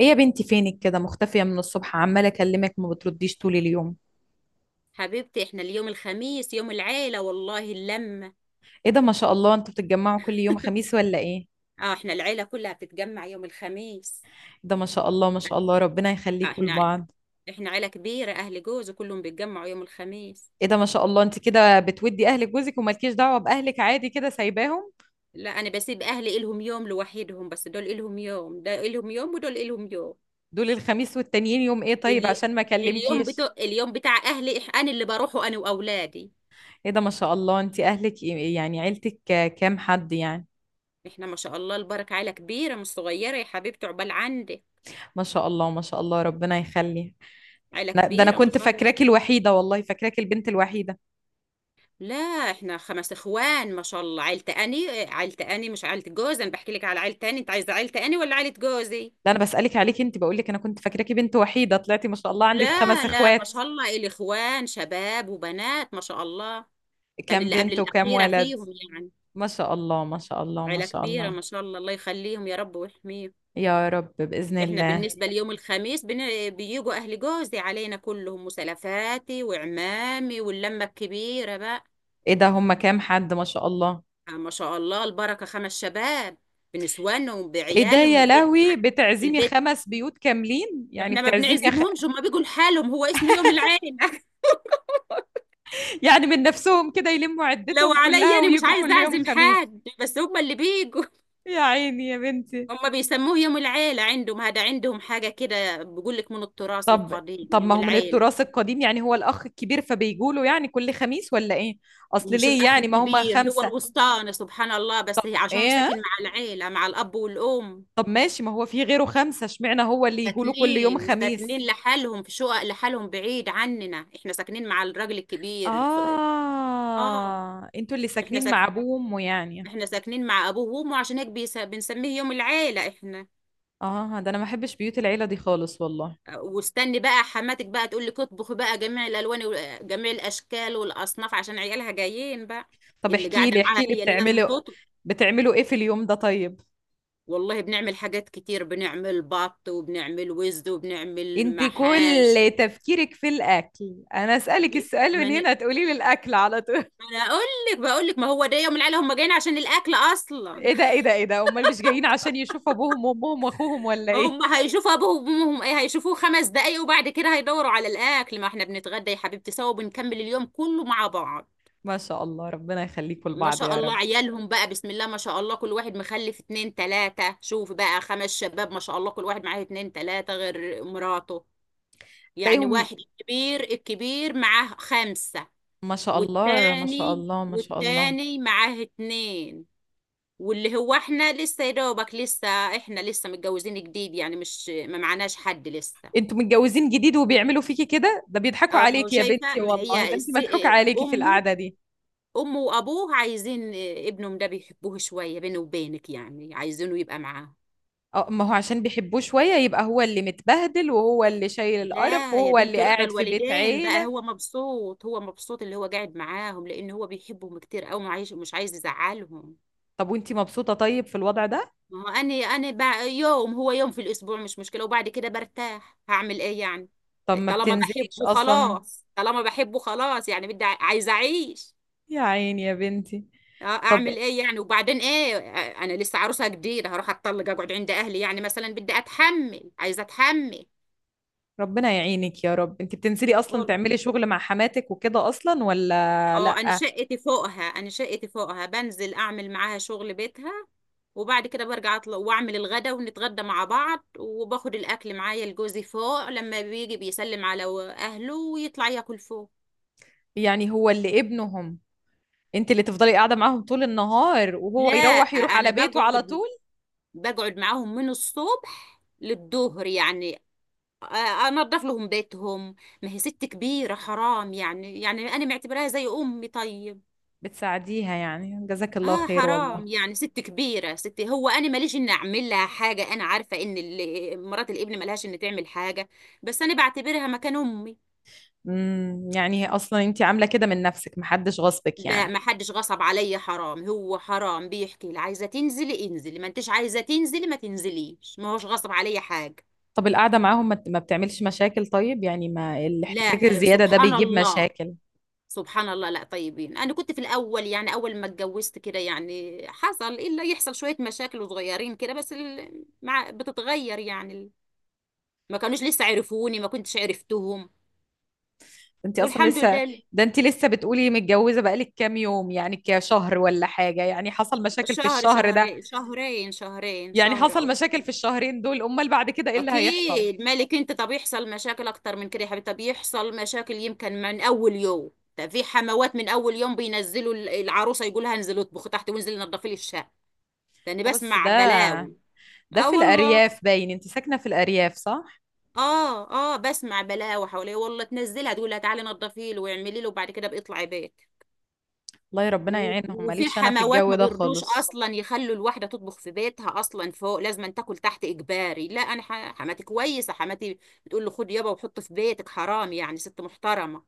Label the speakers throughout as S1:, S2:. S1: ايه يا بنتي، فينك كده مختفية من الصبح؟ عمالة اكلمك ما بترديش طول اليوم.
S2: حبيبتي، احنا اليوم الخميس يوم العيلة والله اللمة.
S1: ايه ده، ما شاء الله، انتوا بتتجمعوا كل يوم خميس ولا ايه؟ إيه
S2: اه، احنا العيلة كلها بتتجمع يوم الخميس.
S1: ده ما شاء الله ما شاء الله، ربنا
S2: اه
S1: يخليكوا
S2: احنا
S1: لبعض.
S2: احنا عيلة كبيرة، اهل جوزي كلهم بيتجمعوا يوم الخميس.
S1: ايه ده ما شاء الله، انت كده بتودي اهلك جوزك ومالكيش دعوة باهلك، عادي كده سايباهم؟
S2: لا، انا بسيب اهلي الهم يوم لوحدهم، بس دول الهم يوم ده الهم يوم ودول الهم يوم.
S1: دول الخميس والتانيين يوم ايه؟ طيب
S2: اليوم
S1: عشان ما
S2: اليوم
S1: اكلمكيش.
S2: بتاع اليوم بتاع اهلي انا اللي بروحه انا واولادي.
S1: ايه ده ما شاء الله، انت اهلك يعني عيلتك كام حد يعني؟
S2: احنا ما شاء الله البركة عيلة كبيرة مش صغيرة يا حبيبتي، عقبال عندك.
S1: ما شاء الله ما شاء الله، ربنا يخلي.
S2: عيلة
S1: ده انا
S2: كبيرة ما
S1: كنت
S2: شاء الله.
S1: فاكراكي الوحيدة، والله فاكراكي البنت الوحيدة.
S2: لا، احنا خمس اخوان ما شاء الله، عيلة اني عيلة اني مش عيلة جوزي، انا بحكي لك على عيلة اني، انت عايزة عيلة اني ولا عيلة جوزي؟
S1: لا انا بسألك عليك انت، بقول لك انا كنت فاكراكي بنت وحيدة، طلعتي ما شاء الله عندك
S2: لا
S1: خمس
S2: لا، ما
S1: اخوات.
S2: شاء الله الاخوان شباب وبنات ما شاء الله. كان
S1: كام
S2: اللي قبل
S1: بنت وكام
S2: الاخيرة
S1: ولد؟
S2: فيهم يعني.
S1: ما شاء الله ما شاء الله ما
S2: عيلة
S1: شاء
S2: كبيرة
S1: الله.
S2: ما شاء الله، الله يخليهم يا رب ويحميهم.
S1: يا رب، بإذن
S2: احنا
S1: الله.
S2: بالنسبة ليوم الخميس، بيجوا اهل جوزي علينا كلهم وسلفاتي وعمامي واللمة الكبيرة بقى.
S1: ايه ده، هم كام حد ما شاء الله؟
S2: آه، ما شاء الله البركة، خمس شباب بنسوانهم
S1: ايه ده
S2: بعيالهم
S1: يا
S2: البيت.
S1: لهوي، بتعزمي
S2: البيت
S1: خمس بيوت كاملين يعني؟
S2: احنا ما بنعزمهمش، هما بيجوا لحالهم، هو اسمه يوم العيلة.
S1: يعني من نفسهم كده يلموا
S2: لو
S1: عدتهم
S2: عليا
S1: كلها
S2: انا مش
S1: ويجوا
S2: عايز
S1: كل يوم
S2: اعزم
S1: خميس؟
S2: حد، بس هما اللي بيجوا.
S1: يا عيني يا بنتي.
S2: هما بيسموه يوم العيلة عندهم، هذا عندهم حاجة كده، بيقول لك من التراث القديم
S1: طب
S2: يوم
S1: ما هو من
S2: العيلة.
S1: التراث القديم، يعني هو الأخ الكبير فبيجوا له يعني كل خميس ولا ايه؟ اصل
S2: مش
S1: ليه
S2: الأخ
S1: يعني، ما هم
S2: الكبير، هو
S1: خمسة؟
S2: الوسطاني سبحان الله، بس هي عشان ساكن مع
S1: ايه.
S2: العيلة مع الأب والأم.
S1: طب ماشي، ما هو في غيره خمسة، اشمعنى هو اللي يجوله كل يوم
S2: ساكنين
S1: خميس؟
S2: ساكنين لحالهم في شقق لحالهم بعيد عننا، احنا ساكنين مع الراجل الكبير اه.
S1: آه، انتوا اللي
S2: احنا
S1: ساكنين
S2: ساكنين
S1: مع أبوه وأمه يعني.
S2: احنا ساكنين مع ابوه وامه، عشان هيك بنسميه يوم العيله احنا.
S1: آه، ده أنا ما بحبش بيوت العيلة دي خالص والله.
S2: أه، واستني بقى حماتك بقى تقول لك اطبخي بقى جميع الالوان وجميع الاشكال والاصناف عشان عيالها جايين بقى.
S1: طب
S2: اللي
S1: احكي
S2: قاعده
S1: لي
S2: معاها
S1: احكي لي
S2: هي اللي لازم
S1: بتعملوا،
S2: تطبخ.
S1: بتعملوا إيه في اليوم ده طيب؟
S2: والله بنعمل حاجات كتير، بنعمل بط وبنعمل وزد وبنعمل
S1: انت
S2: محاشي.
S1: كل تفكيرك في الأكل، أنا أسألك
S2: بي-
S1: السؤال
S2: ما
S1: من
S2: ن-
S1: هنا تقولي لي الأكل على طول.
S2: ما انا اقول لك، بقول لك ما هو ده يوم العيله، هم جايين عشان الاكل اصلا.
S1: إيه ده إيه ده إيه ده، أمال مش جايين عشان يشوفوا أبوهم وأمهم وأخوهم ولا إيه؟
S2: هم هيشوفوا ابوهم وامهم، ايه، هيشوفوه خمس دقايق وبعد كده هيدوروا على الاكل، ما احنا بنتغدى يا حبيبتي سوا وبنكمل اليوم كله مع بعض.
S1: ما شاء الله، ربنا يخليكم
S2: ما
S1: لبعض
S2: شاء
S1: يا
S2: الله
S1: رب.
S2: عيالهم بقى، بسم الله ما شاء الله، كل واحد مخلف اتنين تلاتة، شوف بقى خمس شباب ما شاء الله كل واحد معاه اتنين تلاتة غير مراته. يعني
S1: تلاقيهم
S2: واحد الكبير، الكبير معاه خمسة.
S1: ما شاء الله ما شاء
S2: والتاني
S1: الله ما شاء الله.
S2: والتاني معاه اتنين. واللي هو احنا لسه يا دوبك لسه، احنا لسه متجوزين جديد يعني، مش ما معناش حد لسه.
S1: انتوا متجوزين جديد وبيعملوا فيكي كده؟ ده بيضحكوا
S2: اه ما هو
S1: عليكي يا
S2: شايفه،
S1: بنتي
S2: ما
S1: والله،
S2: هي
S1: ده انت مضحوك
S2: آه،
S1: عليكي في
S2: امه.
S1: القعده دي.
S2: امه وابوه عايزين آه، ابنهم ده بيحبوه شويه، بينه وبينك يعني، عايزينه يبقى معاه.
S1: اه، ما هو عشان بيحبوه شويه يبقى هو اللي متبهدل، وهو اللي شايل القرف،
S2: لا يا
S1: وهو
S2: بنت
S1: اللي
S2: رضا
S1: قاعد في بيت
S2: الوالدين بقى،
S1: عيله.
S2: هو مبسوط، هو مبسوط اللي هو قاعد معاهم، لان هو بيحبهم كتير قوي وعايش مش عايز يزعلهم.
S1: طب وانت مبسوطه طيب في الوضع ده؟
S2: ما هو انا بقى يوم هو، يوم في الاسبوع مش مشكله وبعد كده برتاح، هعمل ايه يعني؟
S1: طب ما
S2: طالما
S1: بتنزليش
S2: بحبه
S1: اصلا؟
S2: خلاص، طالما بحبه خلاص يعني، بدي عايزه اعيش.
S1: يا عيني يا بنتي.
S2: اه
S1: طب
S2: اعمل ايه يعني، وبعدين ايه آه، انا لسه عروسه جديده هروح اتطلق اقعد عند اهلي يعني مثلا، بدي اتحمل عايزه اتحمل.
S1: ربنا يعينك يا رب. انت بتنزلي اصلا
S2: وال-
S1: تعملي شغل مع حماتك وكده اصلا ولا
S2: اه،
S1: لا؟
S2: انا شقتي فوقها بنزل اعمل معاها شغل بيتها، وبعد كده برجع اطلع واعمل الغدا ونتغدى مع بعض، وباخد الاكل معايا لجوزي فوق، لما بيجي بيسلم على اهله ويطلع ياكل فوق.
S1: يعني هو اللي ابنهم، انت اللي تفضلي قاعده معاهم طول النهار، وهو
S2: لا
S1: يروح
S2: انا
S1: على بيته على
S2: بقعد،
S1: طول؟
S2: بقعد معاهم من الصبح للظهر يعني، انضف لهم بيتهم، ما هي ست كبيره حرام يعني، يعني انا معتبراها زي امي طيب.
S1: بتساعديها يعني، جزاك الله
S2: اه
S1: خير والله.
S2: حرام يعني ست كبيره ست، هو انا ماليش ان اعمل لها حاجه، انا عارفه ان مرات الابن ملهاش ان تعمل حاجه، بس انا بعتبرها مكان امي.
S1: امم، يعني اصلا انت عامله كده من نفسك، محدش غصبك
S2: لا
S1: يعني؟
S2: ما حدش غصب عليا، حرام هو، حرام بيحكي لي عايزه تنزلي انزلي، ما انتش عايزه تنزلي ما تنزليش، ما هوش غصب عليا حاجه.
S1: طب القعده معاهم ما بتعملش مشاكل طيب؟ يعني ما
S2: لا
S1: الاحتكاك
S2: آه،
S1: الزياده ده
S2: سبحان
S1: بيجيب
S2: الله،
S1: مشاكل.
S2: سبحان الله. لا طيبين، انا كنت في الاول يعني اول ما اتجوزت كده يعني، حصل الا يحصل شويه مشاكل صغيرين كده، بس مع بتتغير يعني ما كانوش لسه عرفوني، ما كنتش عرفتهم.
S1: انت اصلا
S2: والحمد
S1: لسه،
S2: لله.
S1: ده انت لسه بتقولي متجوزه بقالك كام يوم يعني، كشهر ولا حاجه، يعني حصل مشاكل في
S2: شهر
S1: الشهر ده؟
S2: شهرين شهرين شهرين
S1: يعني
S2: شهر او
S1: حصل مشاكل
S2: شهرين.
S1: في الشهرين دول، امال بعد كده ايه اللي هيحصل؟
S2: اكيد مالك انت، طب يحصل مشاكل اكتر من كده يا حبيبتي، طب يحصل مشاكل يمكن من اول يوم. ده في حموات من اول يوم بينزلوا العروسه يقولها انزلي اطبخي تحت وانزلي نظفي لي الشقه، لاني
S1: اه بس
S2: بسمع
S1: ده،
S2: بلاوي.
S1: ده
S2: اه
S1: في
S2: والله،
S1: الارياف باين، انت ساكنه في الارياف صح؟
S2: اه بسمع بلاوي حواليه والله، تنزلها تقول لها تعالي نضفي له ويعملي له وبعد كده بيطلع بيت.
S1: الله، يا ربنا يعينهم،
S2: وفي
S1: ماليش انا في
S2: حموات
S1: الجو
S2: ما
S1: ده
S2: بيرضوش
S1: خالص.
S2: اصلا يخلوا الواحده تطبخ في بيتها اصلا فوق، لازم أن تاكل تحت اجباري. لا انا حماتي كويسه، حماتي بتقول له خد يابا وحط في بيتك، حرام يعني ست محترمه.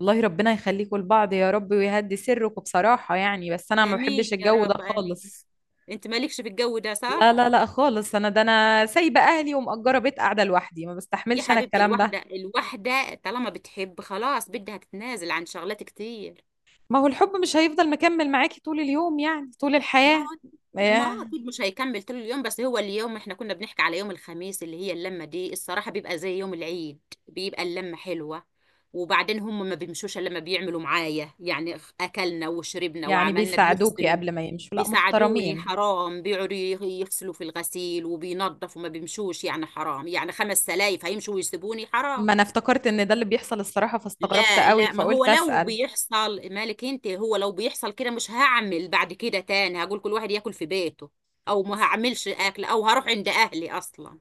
S1: والله ربنا يخليكم لبعض يا رب، ويهدي سركم، بصراحة يعني، بس أنا ما
S2: امين
S1: بحبش
S2: يا
S1: الجو ده
S2: رب امين.
S1: خالص.
S2: انت مالكش في الجو ده
S1: لا
S2: صح.
S1: لا لا خالص، أنا ده أنا سايبة أهلي ومأجرة بيت قاعدة لوحدي، ما
S2: يا
S1: بستحملش أنا
S2: حبيبتي
S1: الكلام ده.
S2: الواحده، الواحده طالما بتحب خلاص بدها تتنازل عن شغلات كتير.
S1: ما هو الحب مش هيفضل مكمل معاكي طول اليوم، يعني طول
S2: ما
S1: الحياة.
S2: هو ما هو
S1: إيه.
S2: اكيد مش هيكمل طول اليوم، بس هو اليوم احنا كنا بنحكي على يوم الخميس اللي هي اللمه دي، الصراحه بيبقى زي يوم العيد، بيبقى اللمه حلوه. وبعدين هم ما بيمشوش الا لما بيعملوا معايا يعني، اكلنا وشربنا
S1: يعني
S2: وعملنا
S1: بيساعدوكي
S2: بيغسلوا.
S1: قبل ما يمشوا؟ لا
S2: بيساعدوني
S1: محترمين.
S2: حرام، بيقعدوا يغسلوا في الغسيل وبينظفوا، ما بيمشوش يعني، حرام يعني، خمس سلايف هيمشوا ويسيبوني حرام.
S1: ما أنا افتكرت إن ده اللي بيحصل الصراحة، فاستغربت
S2: لا
S1: قوي
S2: لا، ما هو
S1: فقلت
S2: لو
S1: أسأل.
S2: بيحصل مالك انت، هو لو بيحصل كده مش هعمل بعد كده تاني، هقول كل واحد ياكل في بيته، او ما
S1: بس
S2: هعملش اكل، او هروح عند اهلي اصلا.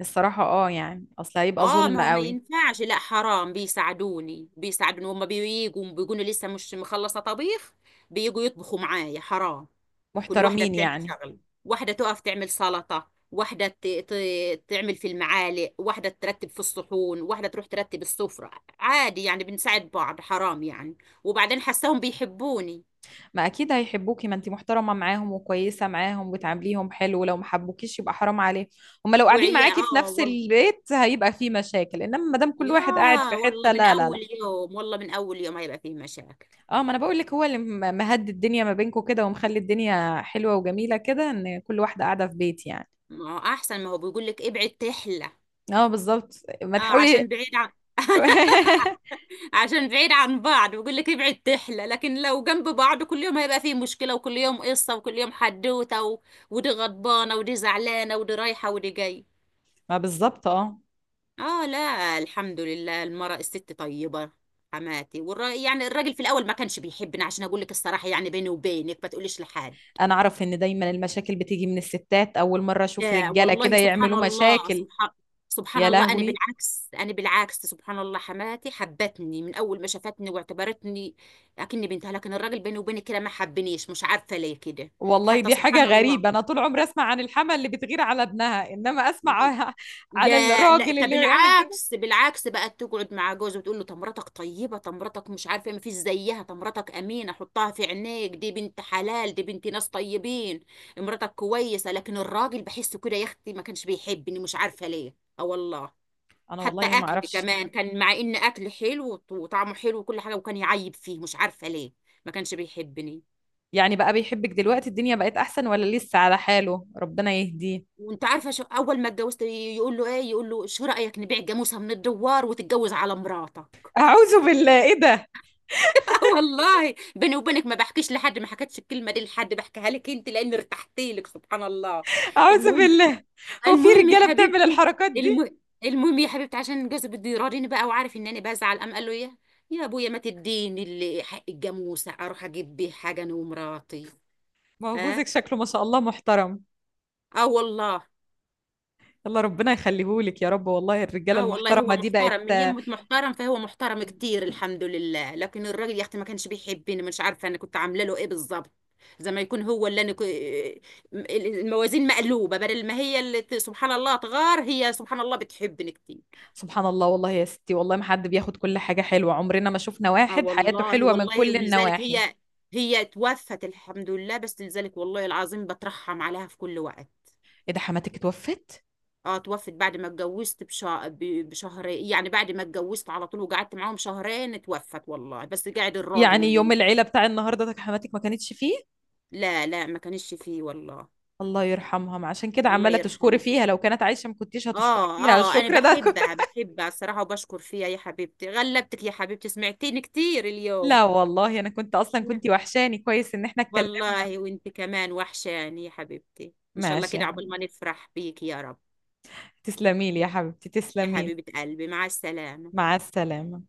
S1: الصراحة اه، يعني أصل هيبقى
S2: اه ما
S1: ظلم
S2: هو ما
S1: قوي.
S2: ينفعش، لا حرام، بيساعدوني، بيساعدوني، هما بييجوا بيقولوا لسه مش مخلصة طبيخ، بييجوا يطبخوا معايا حرام. كل واحدة
S1: محترمين
S2: بتعمل
S1: يعني.
S2: شغل، واحدة تقف تعمل سلطة، واحدة تعمل في المعالق، واحدة ترتب في الصحون، واحدة تروح ترتب السفرة، عادي يعني بنساعد بعض حرام يعني. وبعدين حساهم بيحبوني.
S1: ما اكيد هيحبوكي، ما انتي محترمه معاهم وكويسه معاهم وتعامليهم حلو، لو ما حبوكيش يبقى حرام عليهم. هما لو قاعدين
S2: وعيا
S1: معاكي في
S2: اه
S1: نفس
S2: والله.
S1: البيت هيبقى في مشاكل، انما ما دام كل
S2: يا،
S1: واحد قاعد في
S2: والله
S1: حته،
S2: من
S1: لا لا
S2: اول
S1: لا.
S2: يوم، والله من اول يوم هيبقى فيه مشاكل.
S1: اه ما انا بقول لك، هو اللي مهدي الدنيا ما بينكم كده ومخلي الدنيا حلوه وجميله كده، ان كل واحده قاعده في بيت يعني.
S2: ما هو احسن، ما هو بيقول لك ابعد تحلى.
S1: اه بالظبط. ما
S2: اه
S1: تحاولي.
S2: عشان بعيد عن عشان بعيد عن بعض بقول لك ابعد تحلى، لكن لو جنب بعض كل يوم هيبقى فيه مشكلة وكل يوم قصة وكل يوم حدوتة و... ودي غضبانة ودي زعلانة ودي رايحة ودي جاي.
S1: ما بالظبط اه.
S2: اه لا الحمد لله، المرأة الست طيبة، حماتي يعني الراجل في الاول ما كانش بيحبني، عشان اقول لك الصراحة يعني بيني وبينك ما تقوليش لحد.
S1: انا اعرف ان دايما المشاكل بتيجي من الستات، اول مره اشوف
S2: آه
S1: رجاله
S2: والله،
S1: كده
S2: سبحان
S1: يعملوا
S2: الله
S1: مشاكل.
S2: سبحان سبحان
S1: يا
S2: الله انا
S1: لهوي،
S2: بالعكس، سبحان الله حماتي حبتني من اول ما شافتني واعتبرتني اكني بنتها، لكن الراجل بيني وبينك كده ما حبنيش، مش عارفه ليه كده،
S1: والله
S2: حتى
S1: دي حاجة
S2: سبحان الله.
S1: غريبة. أنا طول عمري أسمع عن الحما اللي بتغير على ابنها، إنما أسمع على
S2: لا لا،
S1: الراجل
S2: طب
S1: اللي هو يعمل كده؟
S2: بالعكس بالعكس، بقت تقعد مع جوزي وتقول له طب مراتك طيبه، طب مراتك مش عارفه إيه، ما فيش زيها، طب مراتك امينه حطها في عينيك، دي بنت حلال دي بنت ناس طيبين، مراتك كويسه، لكن الراجل بحسه كده يا اختي ما كانش بيحبني، مش عارفه ليه اه والله.
S1: أنا
S2: حتى
S1: والله ما
S2: اكل
S1: أعرفش.
S2: كمان، كان مع ان اكل حلو وطعمه حلو وكل حاجه، وكان يعيب فيه مش عارفه ليه، ما كانش بيحبني.
S1: يعني بقى بيحبك دلوقتي، الدنيا بقت أحسن ولا لسه على حاله؟ ربنا يهديه.
S2: وانت عارفه شو اول ما اتجوزت يقول له ايه، يقول له شو رايك نبيع جاموسه من الدوار وتتجوز على مراته.
S1: أعوذ بالله، إيه ده.
S2: آه والله، بيني وبينك ما بحكيش لحد، ما حكيتش الكلمه دي لحد، بحكيها لك انت لان ارتحت لك، سبحان الله.
S1: أعوذ
S2: المهم
S1: بالله، هو في
S2: المهم يا
S1: رجالة بتعمل
S2: حبيبتي،
S1: الحركات دي؟
S2: الم... المهم يا حبيبتي، عشان جوزي بده يراضيني بقى وعارف ان انا بزعل، قام قال له ايه، يا ابويا ما تديني اللي حق الجاموسه اروح اجيب بيه حاجه انا ومراتي.
S1: ما هو
S2: ها
S1: جوزك شكله ما شاء الله محترم.
S2: اه والله.
S1: الله، ربنا يخليهولك يا رب، والله الرجالة
S2: اه والله هو
S1: المحترمة دي
S2: محترم
S1: بقت.
S2: من يمه، محترم، فهو محترم كتير الحمد لله، لكن الراجل يا اختي ما كانش بيحبني، مش عارفه انا كنت عامله له ايه بالظبط، زي ما يكون هو اللي انا الموازين مقلوبه، بدل ما هي اللي سبحان الله تغار، هي سبحان الله بتحبني كتير.
S1: سبحان الله، والله يا ستي، والله ما حد بياخد كل حاجة حلوة، عمرنا ما شفنا
S2: اه
S1: واحد حياته
S2: والله.
S1: حلوة من
S2: والله
S1: كل
S2: ولذلك
S1: النواحي.
S2: هي، هي توفت الحمد لله، بس لذلك والله العظيم بترحم عليها في كل وقت.
S1: ايه ده، حماتك اتوفت؟
S2: اه توفت بعد ما اتجوزت بشهر يعني، بعد ما اتجوزت على طول، وقعدت معاهم شهرين توفت والله، بس قاعد الراجل
S1: يعني يوم
S2: اللي.
S1: العيله بتاع النهارده ده حماتك ما كانتش فيه؟
S2: لا لا، ما كانش فيه والله،
S1: الله يرحمها. ما عشان كده
S2: الله
S1: عماله تشكري
S2: يرحمها.
S1: فيها، لو كانت عايشه ما كنتيش هتشكري
S2: اه
S1: فيها
S2: اه انا
S1: الشكر ده.
S2: بحبها، بحبها الصراحة وبشكر فيها. يا حبيبتي غلبتك يا حبيبتي، سمعتيني كتير اليوم.
S1: لا والله، انا كنت اصلا كنت وحشاني، كويس ان احنا اتكلمنا.
S2: والله وانت كمان وحشاني يا حبيبتي، ان شاء الله
S1: ماشي يا
S2: كده عقبال ما
S1: أحمد.
S2: نفرح بيك يا رب.
S1: تسلمي لي يا حبيبتي،
S2: يا
S1: تسلمي لي.
S2: حبيبة قلبي مع السلامة.
S1: مع السلامه.